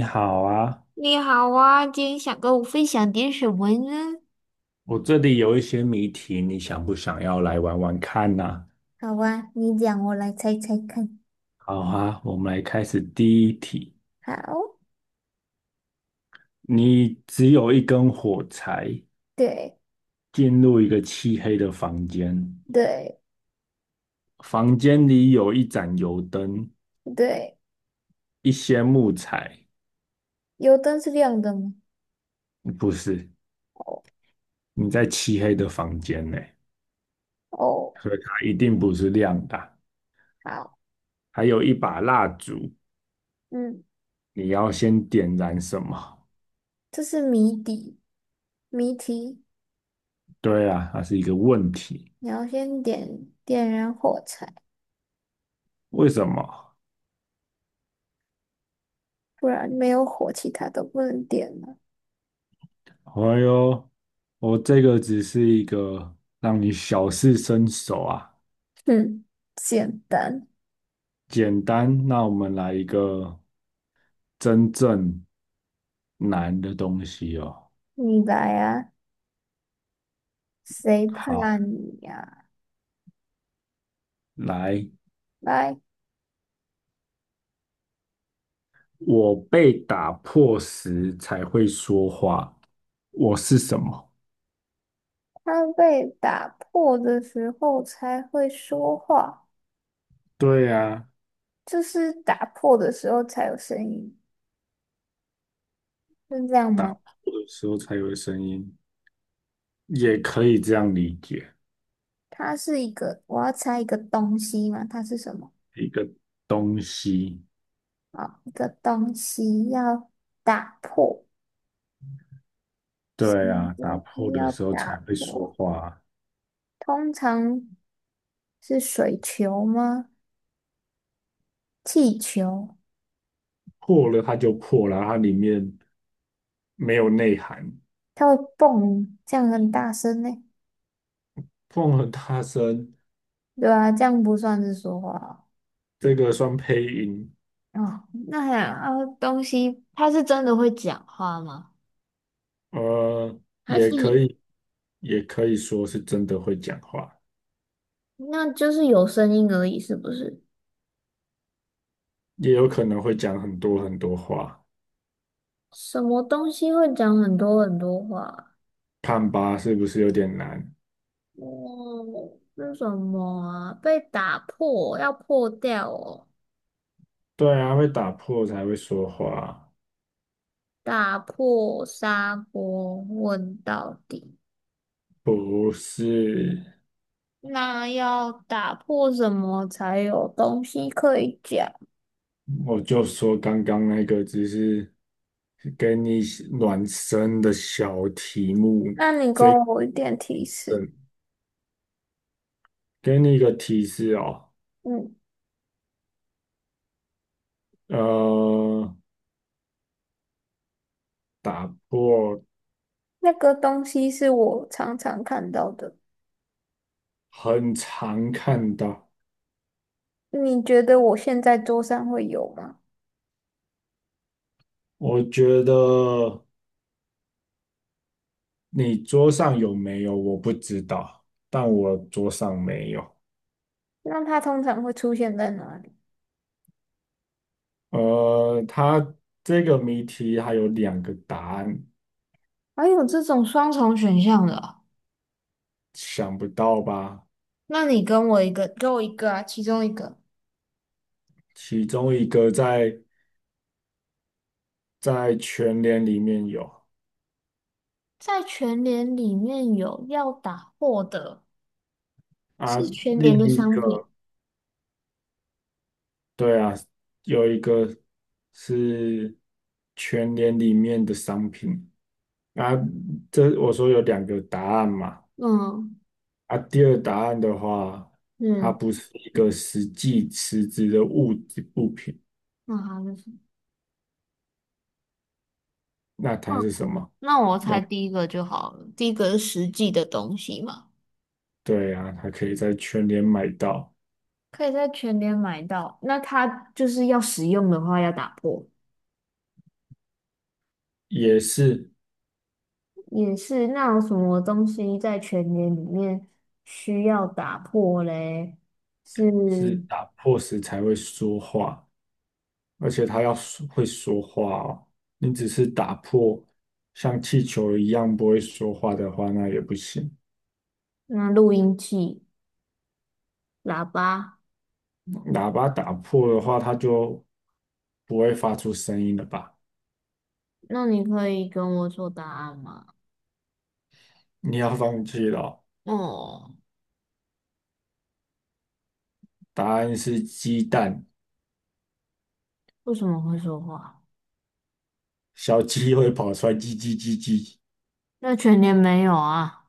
你好啊，你好啊，今天想跟我分享点什么呢？我这里有一些谜题，你想不想要来玩玩看呢？好啊，你讲，我来猜猜看。好啊，我们来开始第一题。好，你只有一根火柴，对进入一个漆黑的房间，对房间里有一盏油灯，对，一些木材。油灯是亮的吗？嗯不是，哦你在漆黑的房间内，哦，所以它一定不是亮的啊，好，还有一把蜡烛，嗯，你要先点燃什么？这是谜底，谜题，对啊，它是一个问题。你要先点燃火柴，为什么？不然没有火，其他都不能点了。哎呦，我这个只是一个让你小试身手啊，哼，简单，简单。那我们来一个真正难的东西哦。你来啊，谁怕好，你呀、来，来，我被打破时才会说话，我是什么？它被打破的时候才会说话。对呀，啊，就是打破的时候才有声音，是这样吗？有时候才有声音，也可以这样理解，它是一个，我要猜一个东西嘛，它是什么？一个东西。啊，一个东西要打破，什对么啊，打东破西的要时候才打会说破？话啊，通常是水球吗？气球，破了它就破了，它里面没有内涵。它会蹦，这样很大声呢。碰和大声对啊，这样不算是说话哦。这个算配音，哦那还啊，东西它是真的会讲话吗？呃，还也可是以，也可以说是真的会讲话，那就是有声音而已，是不是？也有可能会讲很多很多话。什么东西会讲很多很多话？看吧，是不是有点难？哦，是什么啊？被打破，要破掉哦。对啊，会打破才会说话，打破砂锅问到底，不是？那要打破什么才有东西可以讲？我就说刚刚那个只是给你暖身的小题目，那你给我一点提示。嗯，给你一个提示哦。嗯，呃，打破那个东西是我常常看到的，很常看到。你觉得我现在桌上会有吗？我觉得你桌上有没有我不知道，但我桌上没有。那它通常会出现在哪里？它这个谜题还有两个答案，还有这种双重选项的哦，想不到吧？那你跟我一个，给我一个啊，其中一个，其中一个在全联里面有在全联里面有要打货的，啊，是全另联的一商个品。对啊，有一个是全联里面的商品。啊，这我说有两个答案嘛。嗯啊，第二答案的话，它嗯，不是一个实际实质的物品，那好像是，那它嗯，是什么？那我猜第一个就好了，第一个是实际的东西嘛，对啊，它可以在全联买到，可以在全联买到。那它就是要使用的话要打破，也是也是。那有什么东西在全联里面需要打破嘞？是是打破时才会说话，而且它要说会说话哦。你只是打破像气球一样不会说话的话，那也不行。那录音器、喇叭。喇叭打破的话，它就不会发出声音了吧？那你可以跟我说答案吗？你要放弃了哦，哦，答案是鸡蛋。为什么会说话？小鸡会跑出来，叽叽叽叽。那全年没有啊，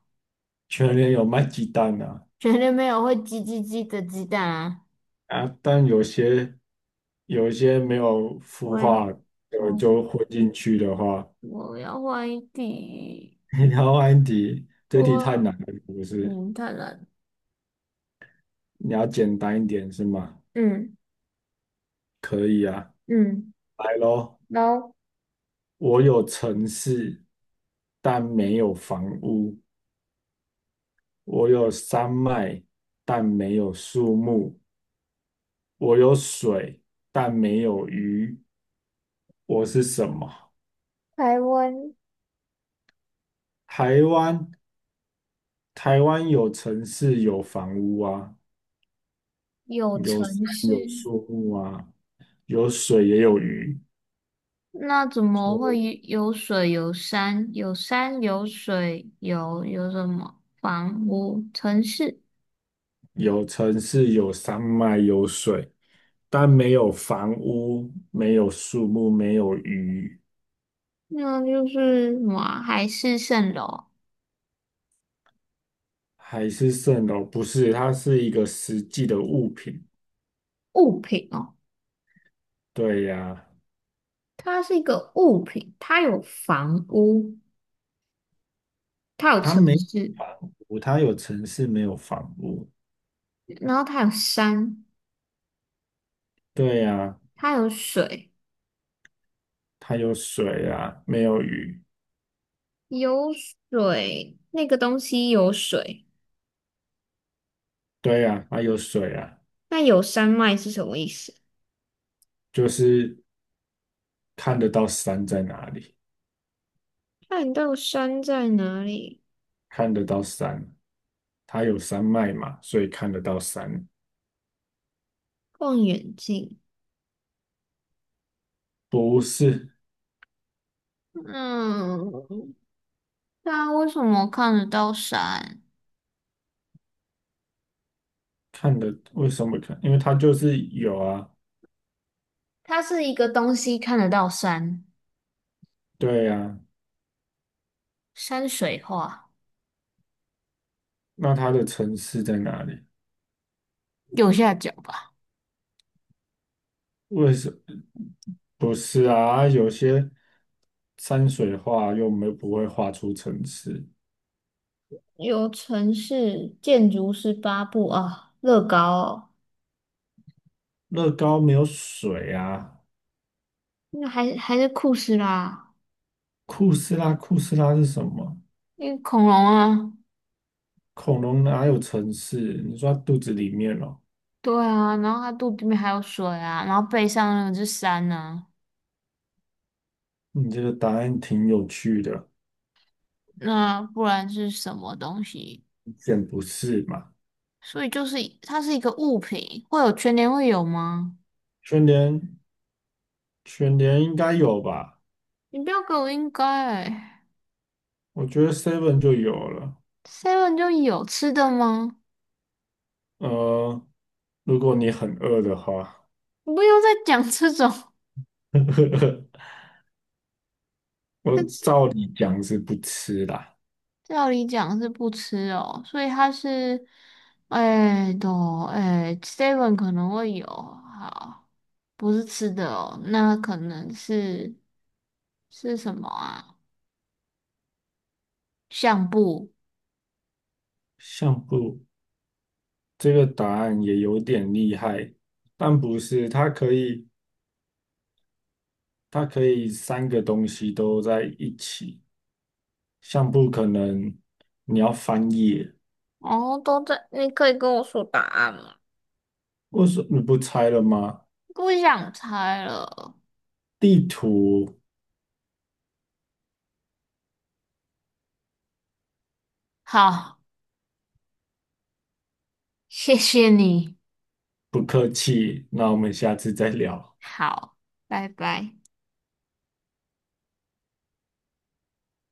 全年有卖鸡蛋啊，全年没有会叽叽叽的鸡蛋啊。啊，但有些没有孵我要化就我就混进去的话，我要换一题。你要安迪，这题太我难了，不是？太难了。你要简单一点是吗？嗯可以啊，嗯，来喽。然后我有城市，但没有房屋；我有山脉，但没有树木；我有水，但没有鱼；我是什么？台湾台湾，台湾有城市，有房屋啊，有有山，城市，有树木啊，有水也有鱼，那怎么会有有水有山？有山有水有什么房屋城市？有城市，有山脉，有水，但没有房屋，没有树木，没有鱼，那就是什么啊海市蜃楼。还是蜃楼？不是，它是一个实际的物品。物品哦，对呀，它是一个物品，它有房屋，它有它城没市，房屋，它有城市，没有房屋。然后它有山，对呀，它有水，它有水啊，没有鱼。有水，那个东西有水，对呀，啊，有水啊，那有山脉是什么意思？就是看得到山在哪里，看到山在哪里？看得到山，它有山脉嘛，所以看得到山。望远镜，不是，嗯，那为什么看得到山？为什么看？因为它就是有啊，它是一个东西看得到山，对呀。山水画那它的城市在哪里？右下角吧。为什不是啊？啊有些山水画又没不会画出城市，有城市建筑师八部啊，乐高哦，乐高没有水啊。那还是酷斯啦，库斯拉，库斯拉是什么？那个恐龙啊，恐龙哪有城市？你说它肚子里面哦？对啊，然后它肚子里面还有水啊，然后背上那个是山呢，你这个答案挺有趣的，那不然是什么东西？选不是嘛？所以就是它是一个物品，会有全年会有吗？全联，全联应该有吧？你不要给我应该欸我觉得 Seven 就有了。，seven 就有吃的吗？呃，如果你很饿的话，你不要再讲这种，我 是。照理讲是不吃啦。照理讲是不吃哦，所以它是，哎都哎，seven 可能会有，好，不是吃的哦，那可能是是什么啊？相簿，相簿这个答案也有点厉害，但不是，它可以，它可以三个东西都在一起。相簿可能你要翻页，哦，都在，你可以跟我说答案吗？我什么你不拆了吗？不想猜了。地图。好，谢谢你，不客气，那我们下次再聊。好，拜拜。